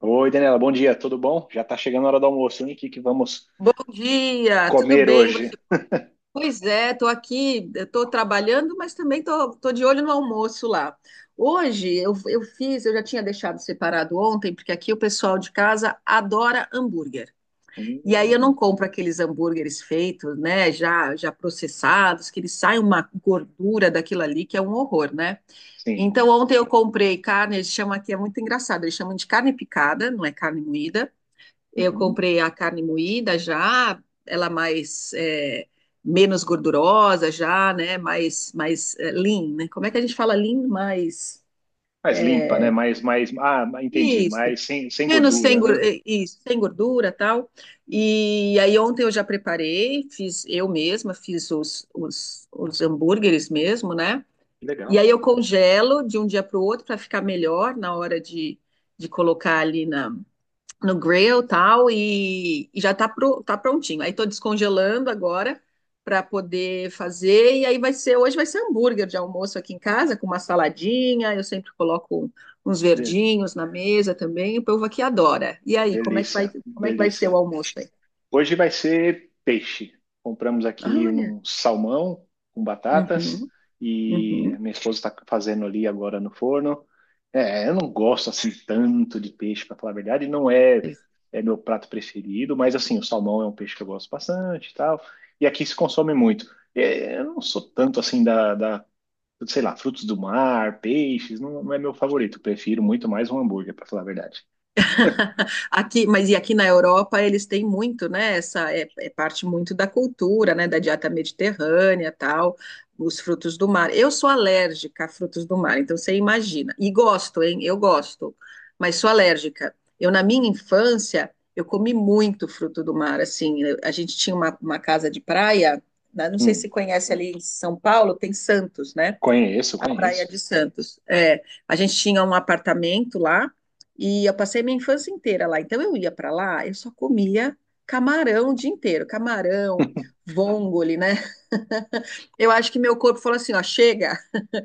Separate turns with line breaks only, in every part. Oi, Daniela, bom dia, tudo bom? Já está chegando a hora do almoço, hein? O que que vamos
Bom dia, tudo
comer
bem? Você?
hoje?
Pois é, estou aqui, estou trabalhando, mas também estou de olho no almoço lá. Hoje eu fiz, eu já tinha deixado separado ontem, porque aqui o pessoal de casa adora hambúrguer. E aí eu não
Hum,
compro aqueles hambúrgueres feitos, né, já processados, que eles saem uma gordura daquilo ali, que é um horror, né?
sim.
Então ontem eu comprei carne, eles chamam aqui, é muito engraçado, eles chamam de carne picada, não é carne moída. Eu
Uhum.
comprei a carne moída já, ela mais é, menos gordurosa já, né? Mais é, lean, né? Como é que a gente fala lean? Mais
Mais limpa, né?
é,
Ah, entendi,
isso,
mais sem
menos sem
gordura, né?
gor- é, isso, sem gordura, tal. E aí ontem eu já preparei, fiz eu mesma, fiz os hambúrgueres mesmo, né?
Que
E
legal.
aí eu congelo de um dia para o outro para ficar melhor na hora de colocar ali na no grill tal, e já tá, tá prontinho. Aí tô descongelando agora para poder fazer, e aí vai ser, hoje vai ser hambúrguer de almoço aqui em casa, com uma saladinha, eu sempre coloco uns
De-
verdinhos na mesa também, o povo aqui adora. E aí, como é que vai,
Delícia,
como é que vai ser
delícia.
o almoço aí?
Hoje vai ser peixe. Compramos
Ah,
aqui
olha,
um salmão com batatas
uhum,
e
uhum.
a minha esposa está fazendo ali agora no forno. É, eu não gosto assim tanto de peixe, para falar a verdade, não é, é meu prato preferido, mas assim, o salmão é um peixe que eu gosto bastante e tal, e aqui se consome muito. É, eu não sou tanto assim sei lá, frutos do mar, peixes, não é meu favorito, prefiro muito mais um hambúrguer, para falar a verdade.
Aqui, mas e aqui na Europa eles têm muito, né? Essa é parte muito da cultura, né? Da dieta mediterrânea, tal, os frutos do mar. Eu sou alérgica a frutos do mar, então você imagina. E gosto, hein? Eu gosto, mas sou alérgica. Eu na minha infância eu comi muito fruto do mar. Assim, a gente tinha uma casa de praia, né, não sei se
Hum,
conhece ali em São Paulo, tem Santos, né?
conheço,
A Praia
conheço.
de Santos. É, a gente tinha um apartamento lá e eu passei minha infância inteira lá. Então eu ia para lá, eu só comia camarão o dia inteiro, camarão, vongole, né? Eu acho que meu corpo falou assim, ó, chega,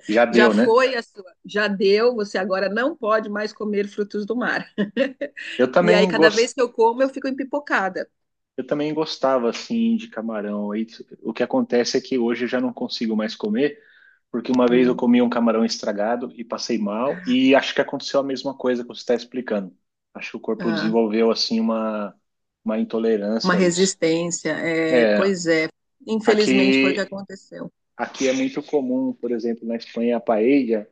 Já
já
deu, né?
foi a sua, já deu, você agora não pode mais comer frutos do mar.
Eu
E aí
também
cada vez
gos-
que eu como, eu fico empipocada.
eu também gostava assim de camarão. E o que acontece é que hoje eu já não consigo mais comer, porque uma vez eu
Hum,
comi um camarão estragado e passei mal, e acho que aconteceu a mesma coisa que você está explicando. Acho que o corpo
ah,
desenvolveu assim uma
uma
intolerância a isso.
resistência. É,
É,
pois é. Infelizmente foi o que
aqui
aconteceu.
aqui é muito comum, por exemplo, na Espanha, a paella.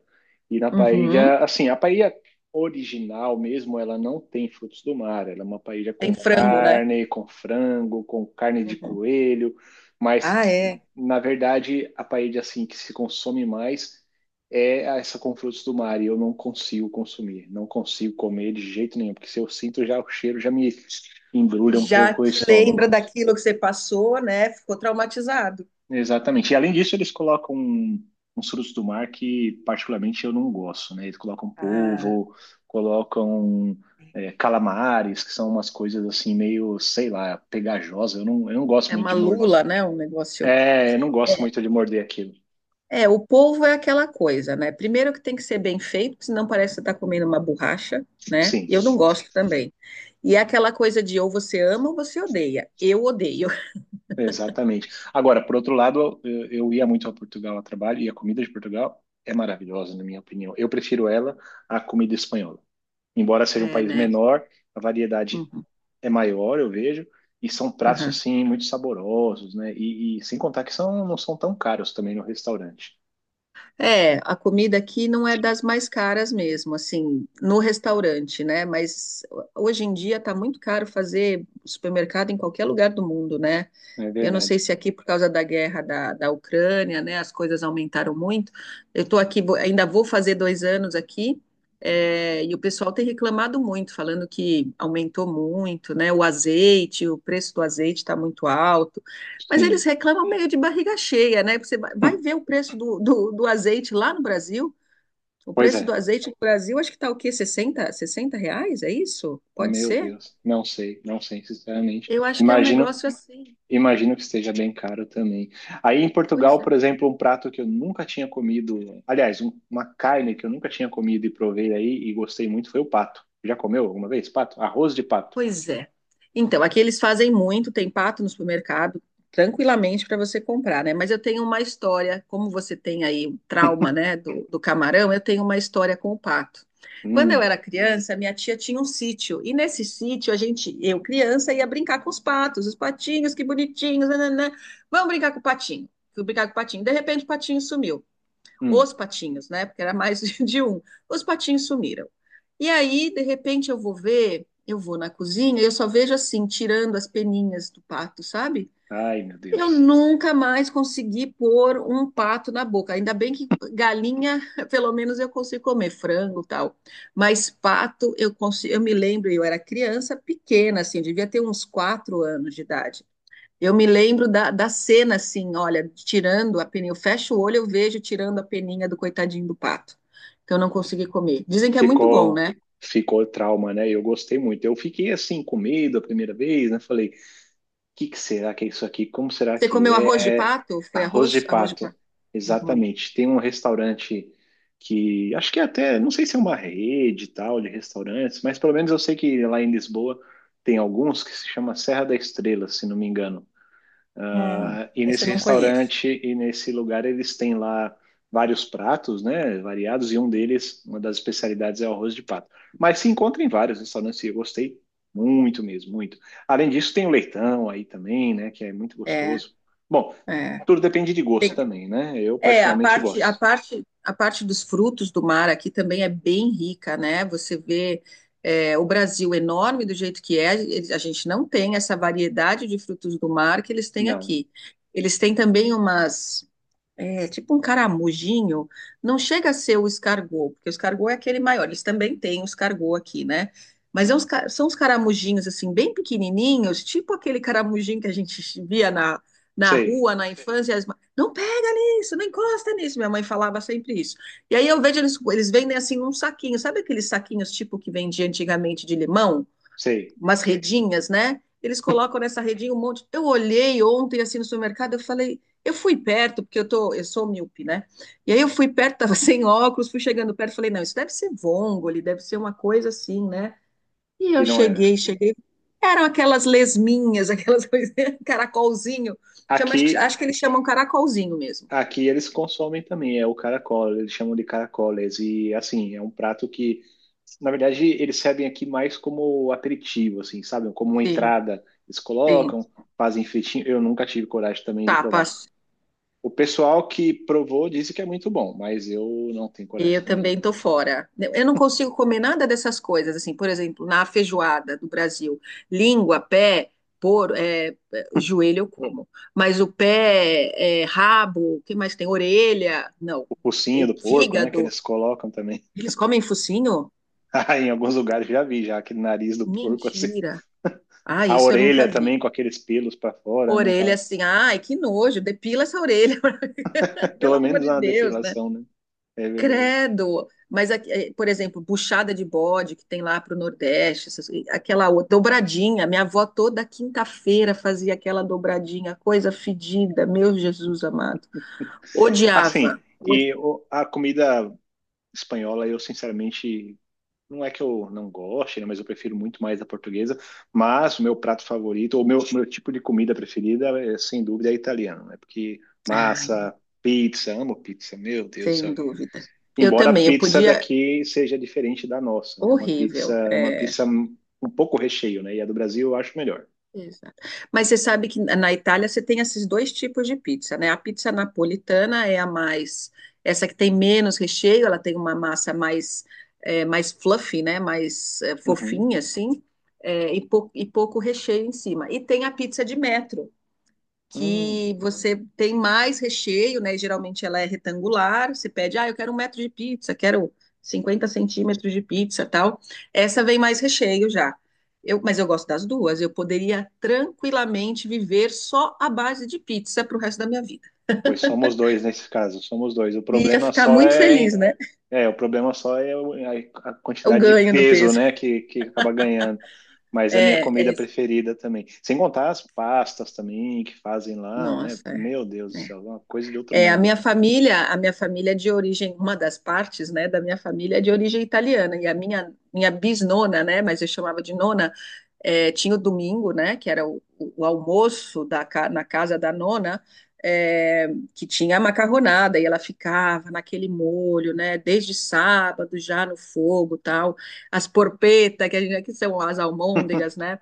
E na
Uhum.
paella, assim, a paella original mesmo, ela não tem frutos do mar. Ela é uma paella
Tem
com
frango, né?
carne, com frango, com carne de
Uhum.
coelho. Mas,
Ah, é.
na verdade, a paella, assim, que se consome mais é essa com frutos do mar. E eu não consigo consumir, não consigo comer de jeito nenhum. Porque se eu sinto já o cheiro, já me embrulha um
Já
pouco o
te lembra
estômago.
daquilo que você passou, né? Ficou traumatizado.
Exatamente. E além disso, eles colocam uns frutos do mar que particularmente eu não gosto, né? Eles colocam
Ah,
polvo, colocam calamares, que são umas coisas assim meio, sei lá, pegajosa. Eu não gosto
é
muito
uma
de morder.
lula, né? Um negócio.
É, eu não gosto
É,
muito de morder aquilo.
é, o polvo é aquela coisa, né? Primeiro que tem que ser bem feito, porque senão parece que você está comendo uma borracha, né?
Sim,
E eu não gosto também. E é aquela coisa de ou você ama ou você odeia. Eu odeio.
exatamente. Agora, por outro lado, eu ia muito a Portugal a trabalho e a comida de Portugal é maravilhosa, na minha opinião. Eu prefiro ela à comida espanhola. Embora seja um
É,
país
né?
menor, a variedade
Uhum,
é maior, eu vejo, e são pratos
uhum.
assim muito saborosos, né? E sem contar que são, não são tão caros também no restaurante.
É, a comida aqui não é das mais caras mesmo, assim, no restaurante, né? Mas hoje em dia tá muito caro fazer supermercado em qualquer lugar do mundo, né?
É
Eu não sei
verdade.
se aqui, por causa da guerra da Ucrânia, né, as coisas aumentaram muito. Eu estou aqui, ainda vou fazer 2 anos aqui, é, e o pessoal tem reclamado muito, falando que aumentou muito, né? O azeite, o preço do azeite está muito alto. Mas eles
Sim.
reclamam meio de barriga cheia, né? Você vai ver o preço do azeite lá no Brasil. O
Pois
preço do
é.
azeite no Brasil, acho que está o quê? Sessenta reais? É isso? Pode
Meu
ser?
Deus. Não sei, sinceramente.
Eu acho que é um
Imagino,
negócio assim.
imagino que esteja bem caro também. Aí em
Pois
Portugal, por exemplo, um prato que eu nunca tinha comido, aliás, uma carne que eu nunca tinha comido e provei aí e gostei muito foi o pato. Já comeu alguma vez pato? Arroz de pato.
Pois é. Então, aqui eles fazem muito, tem pato no supermercado, tranquilamente para você comprar, né? Mas eu tenho uma história, como você tem aí o trauma, né, do camarão, eu tenho uma história com o pato. Quando eu
Hum,
era criança, minha tia tinha um sítio, e nesse sítio a gente, eu criança, ia brincar com os patos, os patinhos, que bonitinhos, nananã. Vamos brincar com o patinho. Fui brincar com o patinho. De repente, o patinho sumiu. Os
hum.
patinhos, né? Porque era mais de um. Os patinhos sumiram. E aí, de repente, eu vou ver, eu vou na cozinha e eu só vejo assim, tirando as peninhas do pato, sabe?
Ai, meu
Eu
Deus.
nunca mais consegui pôr um pato na boca. Ainda bem que galinha, pelo menos eu consigo comer frango, e tal. Mas pato, eu consigo, eu me lembro, eu era criança pequena, assim, devia ter uns 4 anos de idade. Eu me lembro da cena, assim, olha, tirando a peninha. Eu fecho o olho, eu vejo tirando a peninha do coitadinho do pato, que eu não consegui comer. Dizem que é muito bom,
ficou
né?
Ficou trauma, né? Eu gostei muito. Eu fiquei assim com medo a primeira vez, né? Falei, o que que será que é isso aqui? Como será
Você
que
comeu arroz de
é?
pato? Foi
Arroz de
arroz? Arroz de
pato.
pato. Uhum.
Exatamente. Tem um restaurante que acho que é até, não sei se é uma rede e tal de restaurantes, mas pelo menos eu sei que lá em Lisboa tem alguns que se chama Serra da Estrela, se não me engano.
Hum,
Ah, e
esse eu
nesse
não conheço.
restaurante e nesse lugar eles têm lá vários pratos, né, variados, e um deles, uma das especialidades é o arroz de pato. Mas se encontra em vários restaurantes e eu gostei muito mesmo, muito. Além disso, tem o leitão aí também, né, que é muito
É,
gostoso. Bom,
é.
tudo depende de gosto
Tem-
também, né? Eu
é, a
particularmente
parte, a
gosto.
parte, a parte dos frutos do mar aqui também é bem rica, né? Você vê, é, o Brasil enorme do jeito que é, a gente não tem essa variedade de frutos do mar que eles têm
Não,
aqui. Eles têm também umas. É, tipo um caramujinho, não chega a ser o escargot, porque o escargot é aquele maior, eles também têm o escargot aqui, né? Mas é são os caramujinhos, assim, bem pequenininhos, tipo aquele caramujinho que a gente via na, na
sei,
rua, na infância, e não pega nisso, não encosta nisso, minha mãe falava sempre isso. E aí eu vejo eles, vendem, assim, um saquinho, sabe aqueles saquinhos tipo que vendia antigamente de limão?
sei,
Umas redinhas, né? Eles colocam nessa redinha um monte. Eu olhei ontem assim no supermercado, eu falei, eu fui perto, porque eu sou míope, né? E aí eu fui perto, tava sem óculos, fui chegando perto, falei, não, isso deve ser vongole, deve ser uma coisa assim, né? E eu
e não era.
eram aquelas lesminhas, aquelas coisas, caracolzinho. Chama,
Aqui
acho que eles chamam caracolzinho mesmo.
Aqui eles consomem também, é o caracol, eles chamam de caracoles. E assim, é um prato que, na verdade, eles servem aqui mais como aperitivo, assim, sabe? Como uma
Sim,
entrada. Eles
sim.
colocam, fazem fritinho. Eu nunca tive coragem também de provar.
Tapas.
O pessoal que provou disse que é muito bom, mas eu não tenho coragem
Eu
também,
também
não.
tô fora. Eu não consigo comer nada dessas coisas, assim, por exemplo, na feijoada do Brasil, língua, pé, é, o joelho eu como, mas o pé, é, rabo, o que mais tem? Orelha, não,
O focinho
é,
do porco, né, que
fígado.
eles colocam também.
Eles comem focinho?
Ah, em alguns lugares já vi, já aquele nariz do porco, assim.
Mentira. Ah,
A
isso eu nunca
orelha também
vi.
com aqueles pelos para fora, né?
Orelha
Aquela...
assim, ai, que nojo, depila essa orelha, pelo
Pelo
amor
menos
de
uma
Deus, né?
depilação, né? É verdade.
Credo! Mas, aqui, eh, por exemplo, buchada de bode que tem lá para o Nordeste, aquela dobradinha. Minha avó toda quinta-feira fazia aquela dobradinha, coisa fedida, meu Jesus amado.
Assim,
Odiava.
e a comida espanhola, eu sinceramente, não é que eu não goste, né, mas eu prefiro muito mais a portuguesa. Mas o meu prato favorito, ou meu tipo de comida preferida, é, sem dúvida, é italiano, né? Porque
Ah,
massa, pizza, amo pizza, meu Deus do
sem
céu.
dúvida. Eu
Embora a
também, eu
pizza
podia.
daqui seja diferente da nossa, né? Uma
Horrível.
uma
É.
pizza um pouco recheio, né? E a do Brasil eu acho melhor.
Exato. Mas você sabe que na Itália você tem esses dois tipos de pizza, né? A pizza napolitana é a mais, essa que tem menos recheio, ela tem uma massa mais, é, mais fluffy, né? Mais é,
Uhum.
fofinha, assim, é, e, e pouco recheio em cima. E tem a pizza de metro,
Hum.
que você tem mais recheio, né? E geralmente ela é retangular. Você pede, ah, eu quero um metro de pizza, quero 50 centímetros de pizza, tal. Essa vem mais recheio já. Eu, mas eu gosto das duas. Eu poderia tranquilamente viver só à base de pizza para o resto da minha vida.
Pois somos dois nesse caso, somos dois. O
E ia
problema
ficar
só
muito
é,
feliz, né?
é, o problema só é é a
O
quantidade de
ganho do
peso,
peso.
né, que acaba ganhando. Mas é a minha
É,
comida
é
preferida também. Sem contar as pastas também que fazem lá, né?
nossa,
Meu Deus do
é, é.
céu, é uma coisa de outro
É, a
mundo.
minha família, a minha família é de origem, uma das partes, né, da minha família é de origem italiana, e a minha bisnona, né, mas eu chamava de nona, é, tinha o domingo, né, que era o almoço da, na casa da nona, é, que tinha a macarronada, e ela ficava naquele molho, né, desde sábado já no fogo, tal, as porpeta, que a gente, que são as almôndegas, né,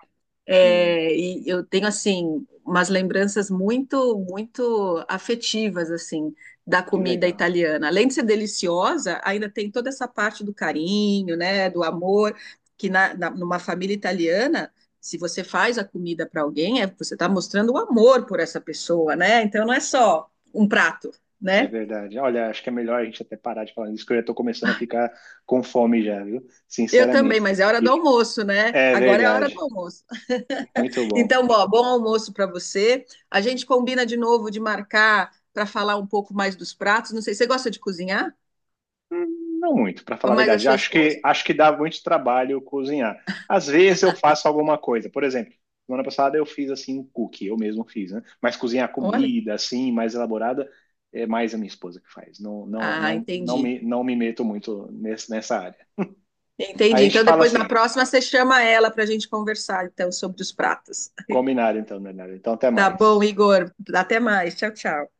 Sim,
é, e eu tenho assim umas lembranças muito, muito afetivas assim da
que
comida
legal.
italiana. Além de ser deliciosa, ainda tem toda essa parte do carinho, né, do amor que na, numa família italiana, se você faz a comida para alguém, é, você está mostrando o amor por essa pessoa, né? Então não é só um prato,
É
né?
verdade. Olha, acho que é melhor a gente até parar de falar isso, que eu já estou começando a ficar com fome já, viu?
Eu também,
Sinceramente.
mas é hora do
E
almoço, né?
é
Agora é a hora do
verdade.
almoço.
Muito bom.
Então, ó, bom almoço para você. A gente combina de novo de marcar para falar um pouco mais dos pratos. Não sei, você gosta de cozinhar?
Não muito, para
Ou
falar a
mais a
verdade.
sua esposa?
Acho que dá muito trabalho cozinhar. Às vezes eu faço alguma coisa. Por exemplo, semana passada eu fiz assim um cookie, eu mesmo fiz, né? Mas cozinhar
Olha.
comida assim, mais elaborada, é mais a minha esposa que faz.
Ah,
Não
entendi.
me não me meto muito nessa área. A
Entendi.
gente
Então,
fala
depois na
assim,
próxima você chama ela para a gente conversar então sobre os pratos.
combinado então, Bernardo. Então até
Tá bom,
mais.
Igor. Até mais. Tchau, tchau.